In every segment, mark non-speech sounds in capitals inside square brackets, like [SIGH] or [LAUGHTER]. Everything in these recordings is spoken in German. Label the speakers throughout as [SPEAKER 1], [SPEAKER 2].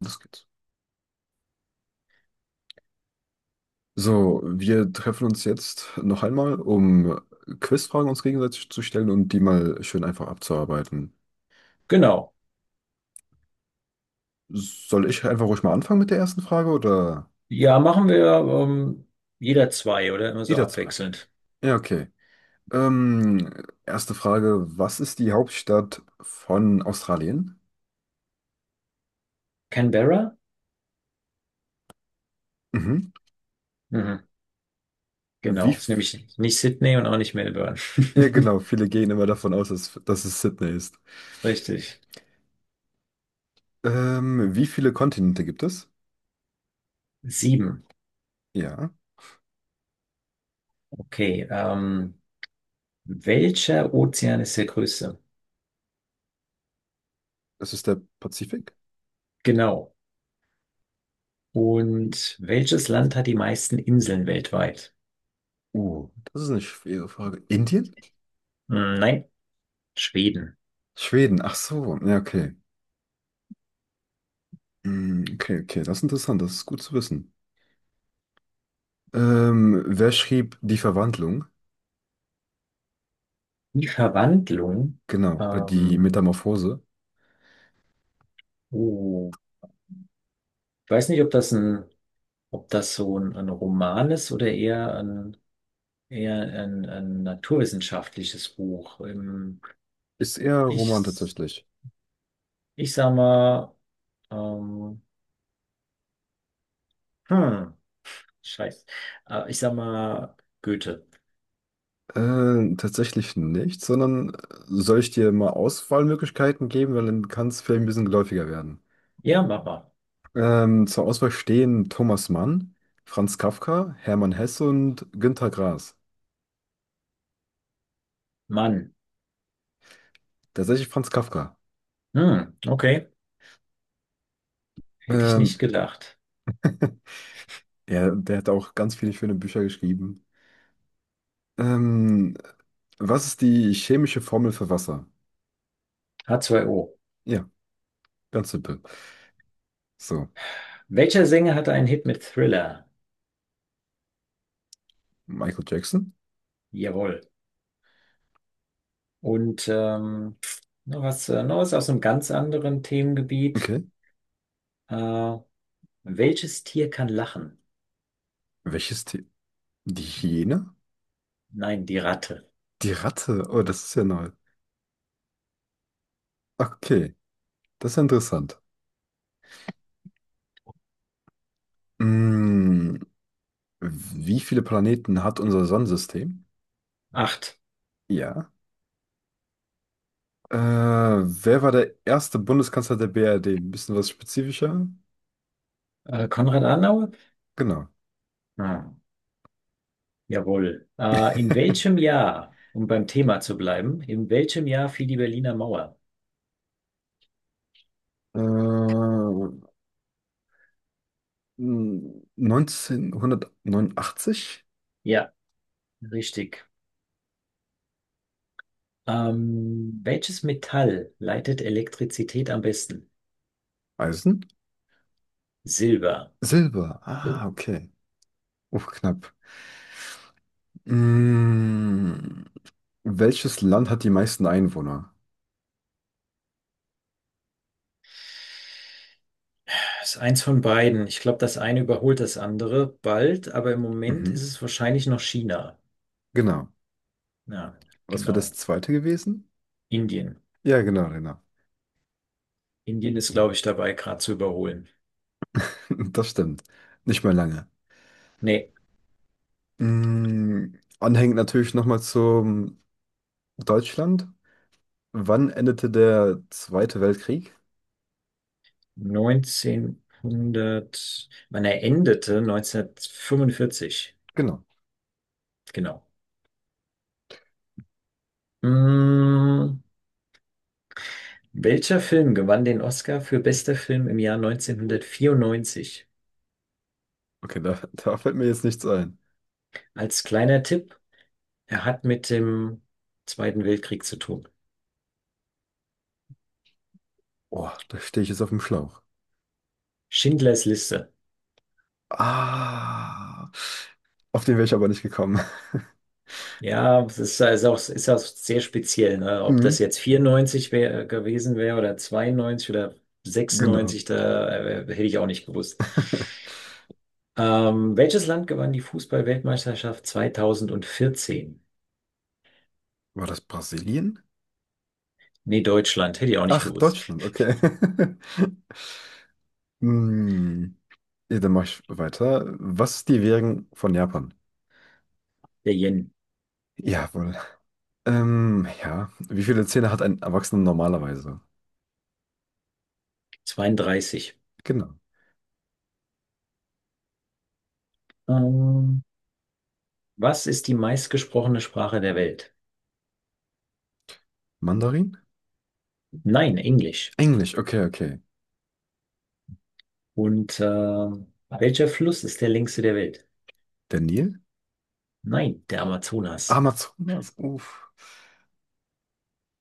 [SPEAKER 1] Los geht's. So, wir treffen uns jetzt noch einmal, um Quizfragen uns gegenseitig zu stellen und die mal schön einfach abzuarbeiten.
[SPEAKER 2] Genau.
[SPEAKER 1] Soll ich einfach ruhig mal anfangen mit der ersten Frage oder
[SPEAKER 2] Ja, machen wir ähm, jeder zwei oder immer so
[SPEAKER 1] jeder zwei?
[SPEAKER 2] abwechselnd.
[SPEAKER 1] Ja, okay. Ähm, Erste Frage, was ist die Hauptstadt von Australien?
[SPEAKER 2] Canberra?
[SPEAKER 1] Mhm.
[SPEAKER 2] Mhm,
[SPEAKER 1] Wie,
[SPEAKER 2] genau. Ist
[SPEAKER 1] f-
[SPEAKER 2] nämlich nicht Sydney und auch nicht Melbourne.
[SPEAKER 1] ja
[SPEAKER 2] [LAUGHS]
[SPEAKER 1] genau, viele gehen immer davon aus, dass es Sydney ist.
[SPEAKER 2] Richtig.
[SPEAKER 1] Wie viele Kontinente gibt es?
[SPEAKER 2] Sieben.
[SPEAKER 1] Ja,
[SPEAKER 2] Okay. Welcher Ozean ist der größte?
[SPEAKER 1] es ist der Pazifik.
[SPEAKER 2] Genau. Und welches Land hat die meisten Inseln weltweit?
[SPEAKER 1] Oh, das ist eine schwere Frage. Indien?
[SPEAKER 2] Nein, Schweden.
[SPEAKER 1] Schweden, ach so, ja, okay. Hm, okay, okay, das ist interessant, das ist gut zu wissen. Wer schrieb Die Verwandlung?
[SPEAKER 2] Die Verwandlung.
[SPEAKER 1] Genau, die
[SPEAKER 2] Ähm,
[SPEAKER 1] Metamorphose.
[SPEAKER 2] oh, ich weiß nicht, ob das so ein Roman ist oder eher ein naturwissenschaftliches Buch.
[SPEAKER 1] Ist eher Roman
[SPEAKER 2] Ich,
[SPEAKER 1] tatsächlich.
[SPEAKER 2] ich sag mal, ähm, hm, scheiße. Ich sag mal, Goethe.
[SPEAKER 1] Tatsächlich nicht, sondern soll ich dir mal Auswahlmöglichkeiten geben, weil dann kann es vielleicht ein bisschen geläufiger werden.
[SPEAKER 2] Ja, mach mal.
[SPEAKER 1] Zur Auswahl stehen Thomas Mann, Franz Kafka, Hermann Hesse und Günter Grass.
[SPEAKER 2] Mann.
[SPEAKER 1] Tatsächlich Franz Kafka.
[SPEAKER 2] Hm, okay. Hätte ich nicht
[SPEAKER 1] Ähm,
[SPEAKER 2] gedacht.
[SPEAKER 1] [LAUGHS] Ja, der hat auch ganz viele schöne Bücher geschrieben. Ähm, Was ist die chemische Formel für Wasser?
[SPEAKER 2] H2O.
[SPEAKER 1] Ja, ganz simpel. So,
[SPEAKER 2] Welcher Sänger hatte einen Hit mit Thriller?
[SPEAKER 1] Michael Jackson?
[SPEAKER 2] Jawohl. Und noch was aus einem ganz anderen Themengebiet.
[SPEAKER 1] Okay.
[SPEAKER 2] Äh, welches Tier kann lachen?
[SPEAKER 1] Welches Tier? Die Hyäne?
[SPEAKER 2] Nein, die Ratte.
[SPEAKER 1] Die Ratte? Oh, das ist ja neu. Okay, das ist ja interessant. Mm, wie viele Planeten hat unser Sonnensystem?
[SPEAKER 2] Acht.
[SPEAKER 1] Ja. Wer war der erste Bundeskanzler der BRD? Ein bisschen was spezifischer?
[SPEAKER 2] Konrad Adenauer?
[SPEAKER 1] Genau.
[SPEAKER 2] Ah, jawohl. In welchem Jahr, um beim Thema zu bleiben, in welchem Jahr fiel die Berliner Mauer?
[SPEAKER 1] Äh, 1989?
[SPEAKER 2] Ja, richtig. Welches Metall leitet Elektrizität am besten?
[SPEAKER 1] Eisen?
[SPEAKER 2] Silber.
[SPEAKER 1] Silber.
[SPEAKER 2] Das
[SPEAKER 1] Ah, okay. Uff, knapp. Hm, welches Land hat die meisten Einwohner?
[SPEAKER 2] ist eins von beiden. Ich glaube, das eine überholt das andere bald, aber im Moment ist
[SPEAKER 1] Mhm,
[SPEAKER 2] es wahrscheinlich noch China.
[SPEAKER 1] genau.
[SPEAKER 2] Ja,
[SPEAKER 1] Was wäre das
[SPEAKER 2] genau.
[SPEAKER 1] zweite gewesen?
[SPEAKER 2] Indien.
[SPEAKER 1] Ja, genau, genau.
[SPEAKER 2] Indien ist, glaube ich, dabei, gerade zu überholen.
[SPEAKER 1] [LAUGHS] Das stimmt. Nicht mehr lange.
[SPEAKER 2] Nee,
[SPEAKER 1] Hm, anhängend natürlich nochmal zum Deutschland. Wann endete der Zweite Weltkrieg?
[SPEAKER 2] 1900, man endete 1945.
[SPEAKER 1] Genau.
[SPEAKER 2] Genau. Mm, welcher Film gewann den Oscar für bester Film im Jahr 1994?
[SPEAKER 1] Okay, da, [LAUGHS] da fällt mir jetzt nichts ein.
[SPEAKER 2] Als kleiner Tipp, er hat mit dem Zweiten Weltkrieg zu tun.
[SPEAKER 1] Oh, da stehe ich jetzt auf dem Schlauch.
[SPEAKER 2] Schindlers Liste.
[SPEAKER 1] Ah, auf den wäre ich aber nicht gekommen. [LAUGHS]
[SPEAKER 2] Ja, es ist auch sehr speziell, ne? Ob das
[SPEAKER 1] Mhm,
[SPEAKER 2] jetzt 94 gewesen wäre oder 92 oder
[SPEAKER 1] genau.
[SPEAKER 2] 96, da hätte ich auch nicht gewusst. Welches Land gewann die Fußball-Weltmeisterschaft 2014?
[SPEAKER 1] War das Brasilien?
[SPEAKER 2] Nee, Deutschland, hätte ich auch nicht
[SPEAKER 1] Ach,
[SPEAKER 2] gewusst.
[SPEAKER 1] Deutschland, okay. [LAUGHS] Hm, ja, dann mache ich weiter. Was ist die Währung von Japan?
[SPEAKER 2] Der Yen.
[SPEAKER 1] Jawohl. Ja. Wie viele Zähne hat ein Erwachsener normalerweise?
[SPEAKER 2] 32.
[SPEAKER 1] Genau.
[SPEAKER 2] Ähm, was ist die meistgesprochene Sprache der Welt?
[SPEAKER 1] Mandarin?
[SPEAKER 2] Nein, Englisch.
[SPEAKER 1] Englisch, okay, okay.
[SPEAKER 2] Und welcher Fluss ist der längste der Welt?
[SPEAKER 1] Der Nil?
[SPEAKER 2] Nein, der Amazonas.
[SPEAKER 1] Amazonas, uff.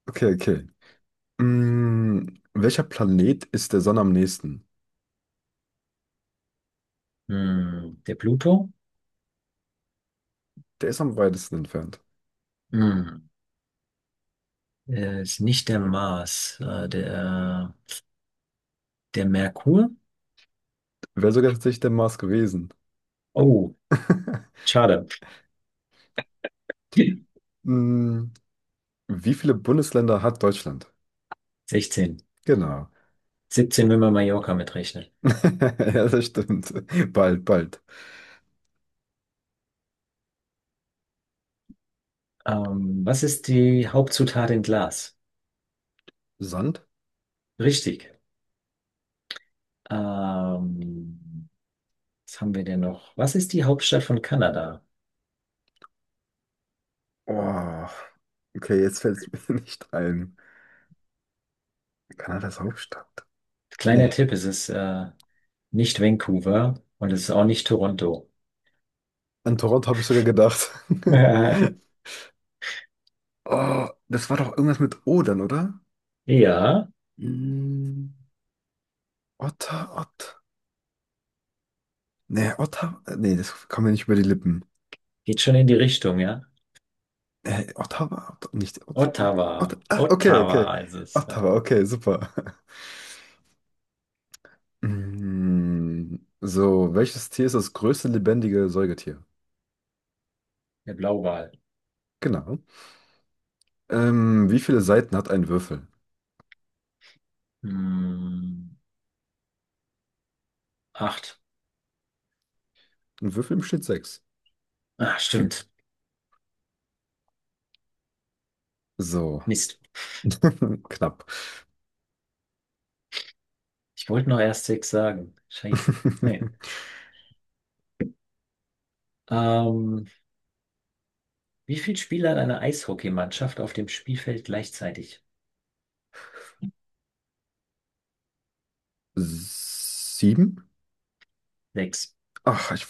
[SPEAKER 1] Okay, okay. Hm, welcher Planet ist der Sonne am nächsten?
[SPEAKER 2] Der Pluto?
[SPEAKER 1] Der ist am weitesten entfernt.
[SPEAKER 2] Hm, ist nicht der Mars. Der Merkur?
[SPEAKER 1] Wäre sogar tatsächlich der Mars gewesen.
[SPEAKER 2] Oh,
[SPEAKER 1] [LAUGHS]
[SPEAKER 2] schade. [LAUGHS]
[SPEAKER 1] Hm, wie viele Bundesländer hat Deutschland?
[SPEAKER 2] 16.
[SPEAKER 1] Genau.
[SPEAKER 2] 17, wenn man Mallorca mitrechnet.
[SPEAKER 1] [LAUGHS] Ja, das stimmt. Bald, bald.
[SPEAKER 2] Was ist die Hauptzutat in Glas?
[SPEAKER 1] Sand?
[SPEAKER 2] Richtig. Ähm, Was haben wir denn noch? Was ist die Hauptstadt von Kanada?
[SPEAKER 1] Oh, okay, jetzt fällt es mir [LAUGHS] nicht ein. Kanadas Hauptstadt?
[SPEAKER 2] Kleiner
[SPEAKER 1] Nee.
[SPEAKER 2] Tipp, es ist nicht Vancouver und es ist auch nicht Toronto.
[SPEAKER 1] An Toronto habe ich sogar gedacht.
[SPEAKER 2] [LAUGHS]
[SPEAKER 1] [LAUGHS] Oh, das war doch irgendwas mit O dann, oder?
[SPEAKER 2] Ja,
[SPEAKER 1] Hm, Otter, Ott. Nee, Otter. Nee, das kam mir nicht über die Lippen.
[SPEAKER 2] geht schon in die Richtung, ja.
[SPEAKER 1] Ottawa? Ot nicht Ottawa. Ot
[SPEAKER 2] Ottawa.
[SPEAKER 1] ah, okay, okay.
[SPEAKER 2] Ottawa ist es, ja.
[SPEAKER 1] Ottawa, okay, super. [LAUGHS] Mm, so, welches Tier ist das größte lebendige Säugetier?
[SPEAKER 2] Der Blauwal.
[SPEAKER 1] Genau. Wie viele Seiten hat ein Würfel?
[SPEAKER 2] Hm, acht.
[SPEAKER 1] Ein Würfel besteht sechs.
[SPEAKER 2] Ah, stimmt.
[SPEAKER 1] So,
[SPEAKER 2] Mist.
[SPEAKER 1] [LAUGHS] knapp.
[SPEAKER 2] Ich wollte noch erst sechs sagen. Scheiße. Nee.
[SPEAKER 1] [LAUGHS]
[SPEAKER 2] Ähm, wie viele Spieler hat eine Eishockeymannschaft auf dem Spielfeld gleichzeitig?
[SPEAKER 1] Sieben?
[SPEAKER 2] Sechs.
[SPEAKER 1] Ach, ich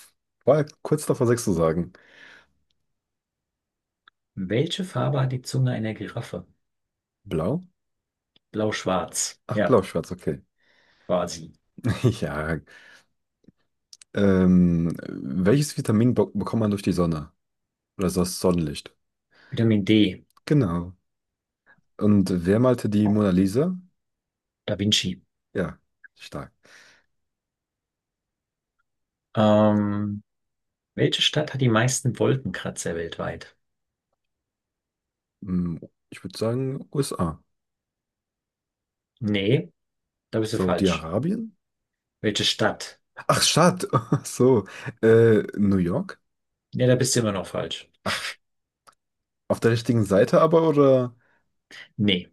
[SPEAKER 1] war kurz davor, sechs zu sagen.
[SPEAKER 2] Welche Farbe hat die Zunge einer Giraffe?
[SPEAKER 1] Blau?
[SPEAKER 2] Blau-Schwarz,
[SPEAKER 1] Ach,
[SPEAKER 2] ja,
[SPEAKER 1] blau-schwarz, okay.
[SPEAKER 2] quasi.
[SPEAKER 1] [LAUGHS] Ja. Welches Vitamin be bekommt man durch die Sonne? Oder das Sonnenlicht?
[SPEAKER 2] Vitamin D.
[SPEAKER 1] Genau. Und wer malte die Mona Lisa?
[SPEAKER 2] Da Vinci.
[SPEAKER 1] Ja, stark.
[SPEAKER 2] Ähm, welche Stadt hat die meisten Wolkenkratzer weltweit?
[SPEAKER 1] Hm, ich würde sagen USA.
[SPEAKER 2] Nee, da bist du falsch.
[SPEAKER 1] Saudi-Arabien?
[SPEAKER 2] Welche Stadt?
[SPEAKER 1] Ach, Stadt. [LAUGHS] Ach so, New York?
[SPEAKER 2] Nee, da bist du immer noch falsch.
[SPEAKER 1] Ach, auf der richtigen Seite aber oder
[SPEAKER 2] Nee,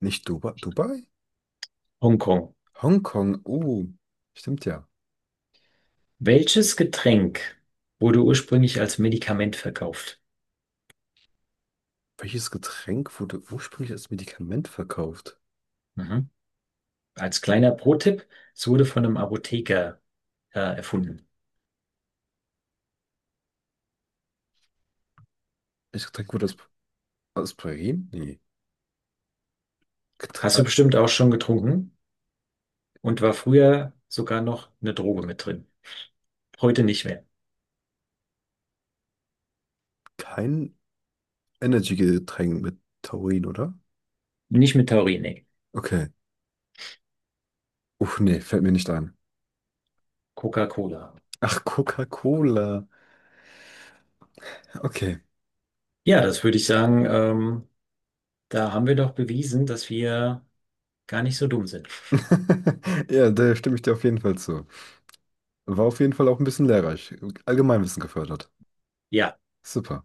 [SPEAKER 1] nicht Dubai? Dubai?
[SPEAKER 2] Hongkong.
[SPEAKER 1] Hongkong? Oh, stimmt ja.
[SPEAKER 2] Welches Getränk wurde ursprünglich als Medikament verkauft?
[SPEAKER 1] Welches Getränk wurde ursprünglich als Medikament verkauft?
[SPEAKER 2] Mhm. Als kleiner Pro-Tipp, es wurde von einem Apotheker erfunden.
[SPEAKER 1] Welches Getränk wurde als Aspirin? Nee. Getr
[SPEAKER 2] Hast du bestimmt auch schon getrunken und war früher sogar noch eine Droge mit drin. Heute nicht mehr.
[SPEAKER 1] Kein Energy-Getränk mit Taurin, oder?
[SPEAKER 2] Nicht mit Taurin, nee.
[SPEAKER 1] Okay. Uff, nee, fällt mir nicht ein.
[SPEAKER 2] Coca-Cola.
[SPEAKER 1] Ach, Coca-Cola. Okay.
[SPEAKER 2] Ja, das würde ich sagen, da haben wir doch bewiesen, dass wir gar nicht so dumm sind.
[SPEAKER 1] [LAUGHS] Ja, da stimme ich dir auf jeden Fall zu. War auf jeden Fall auch ein bisschen lehrreich. Allgemeinwissen gefördert.
[SPEAKER 2] Ja.
[SPEAKER 1] Super.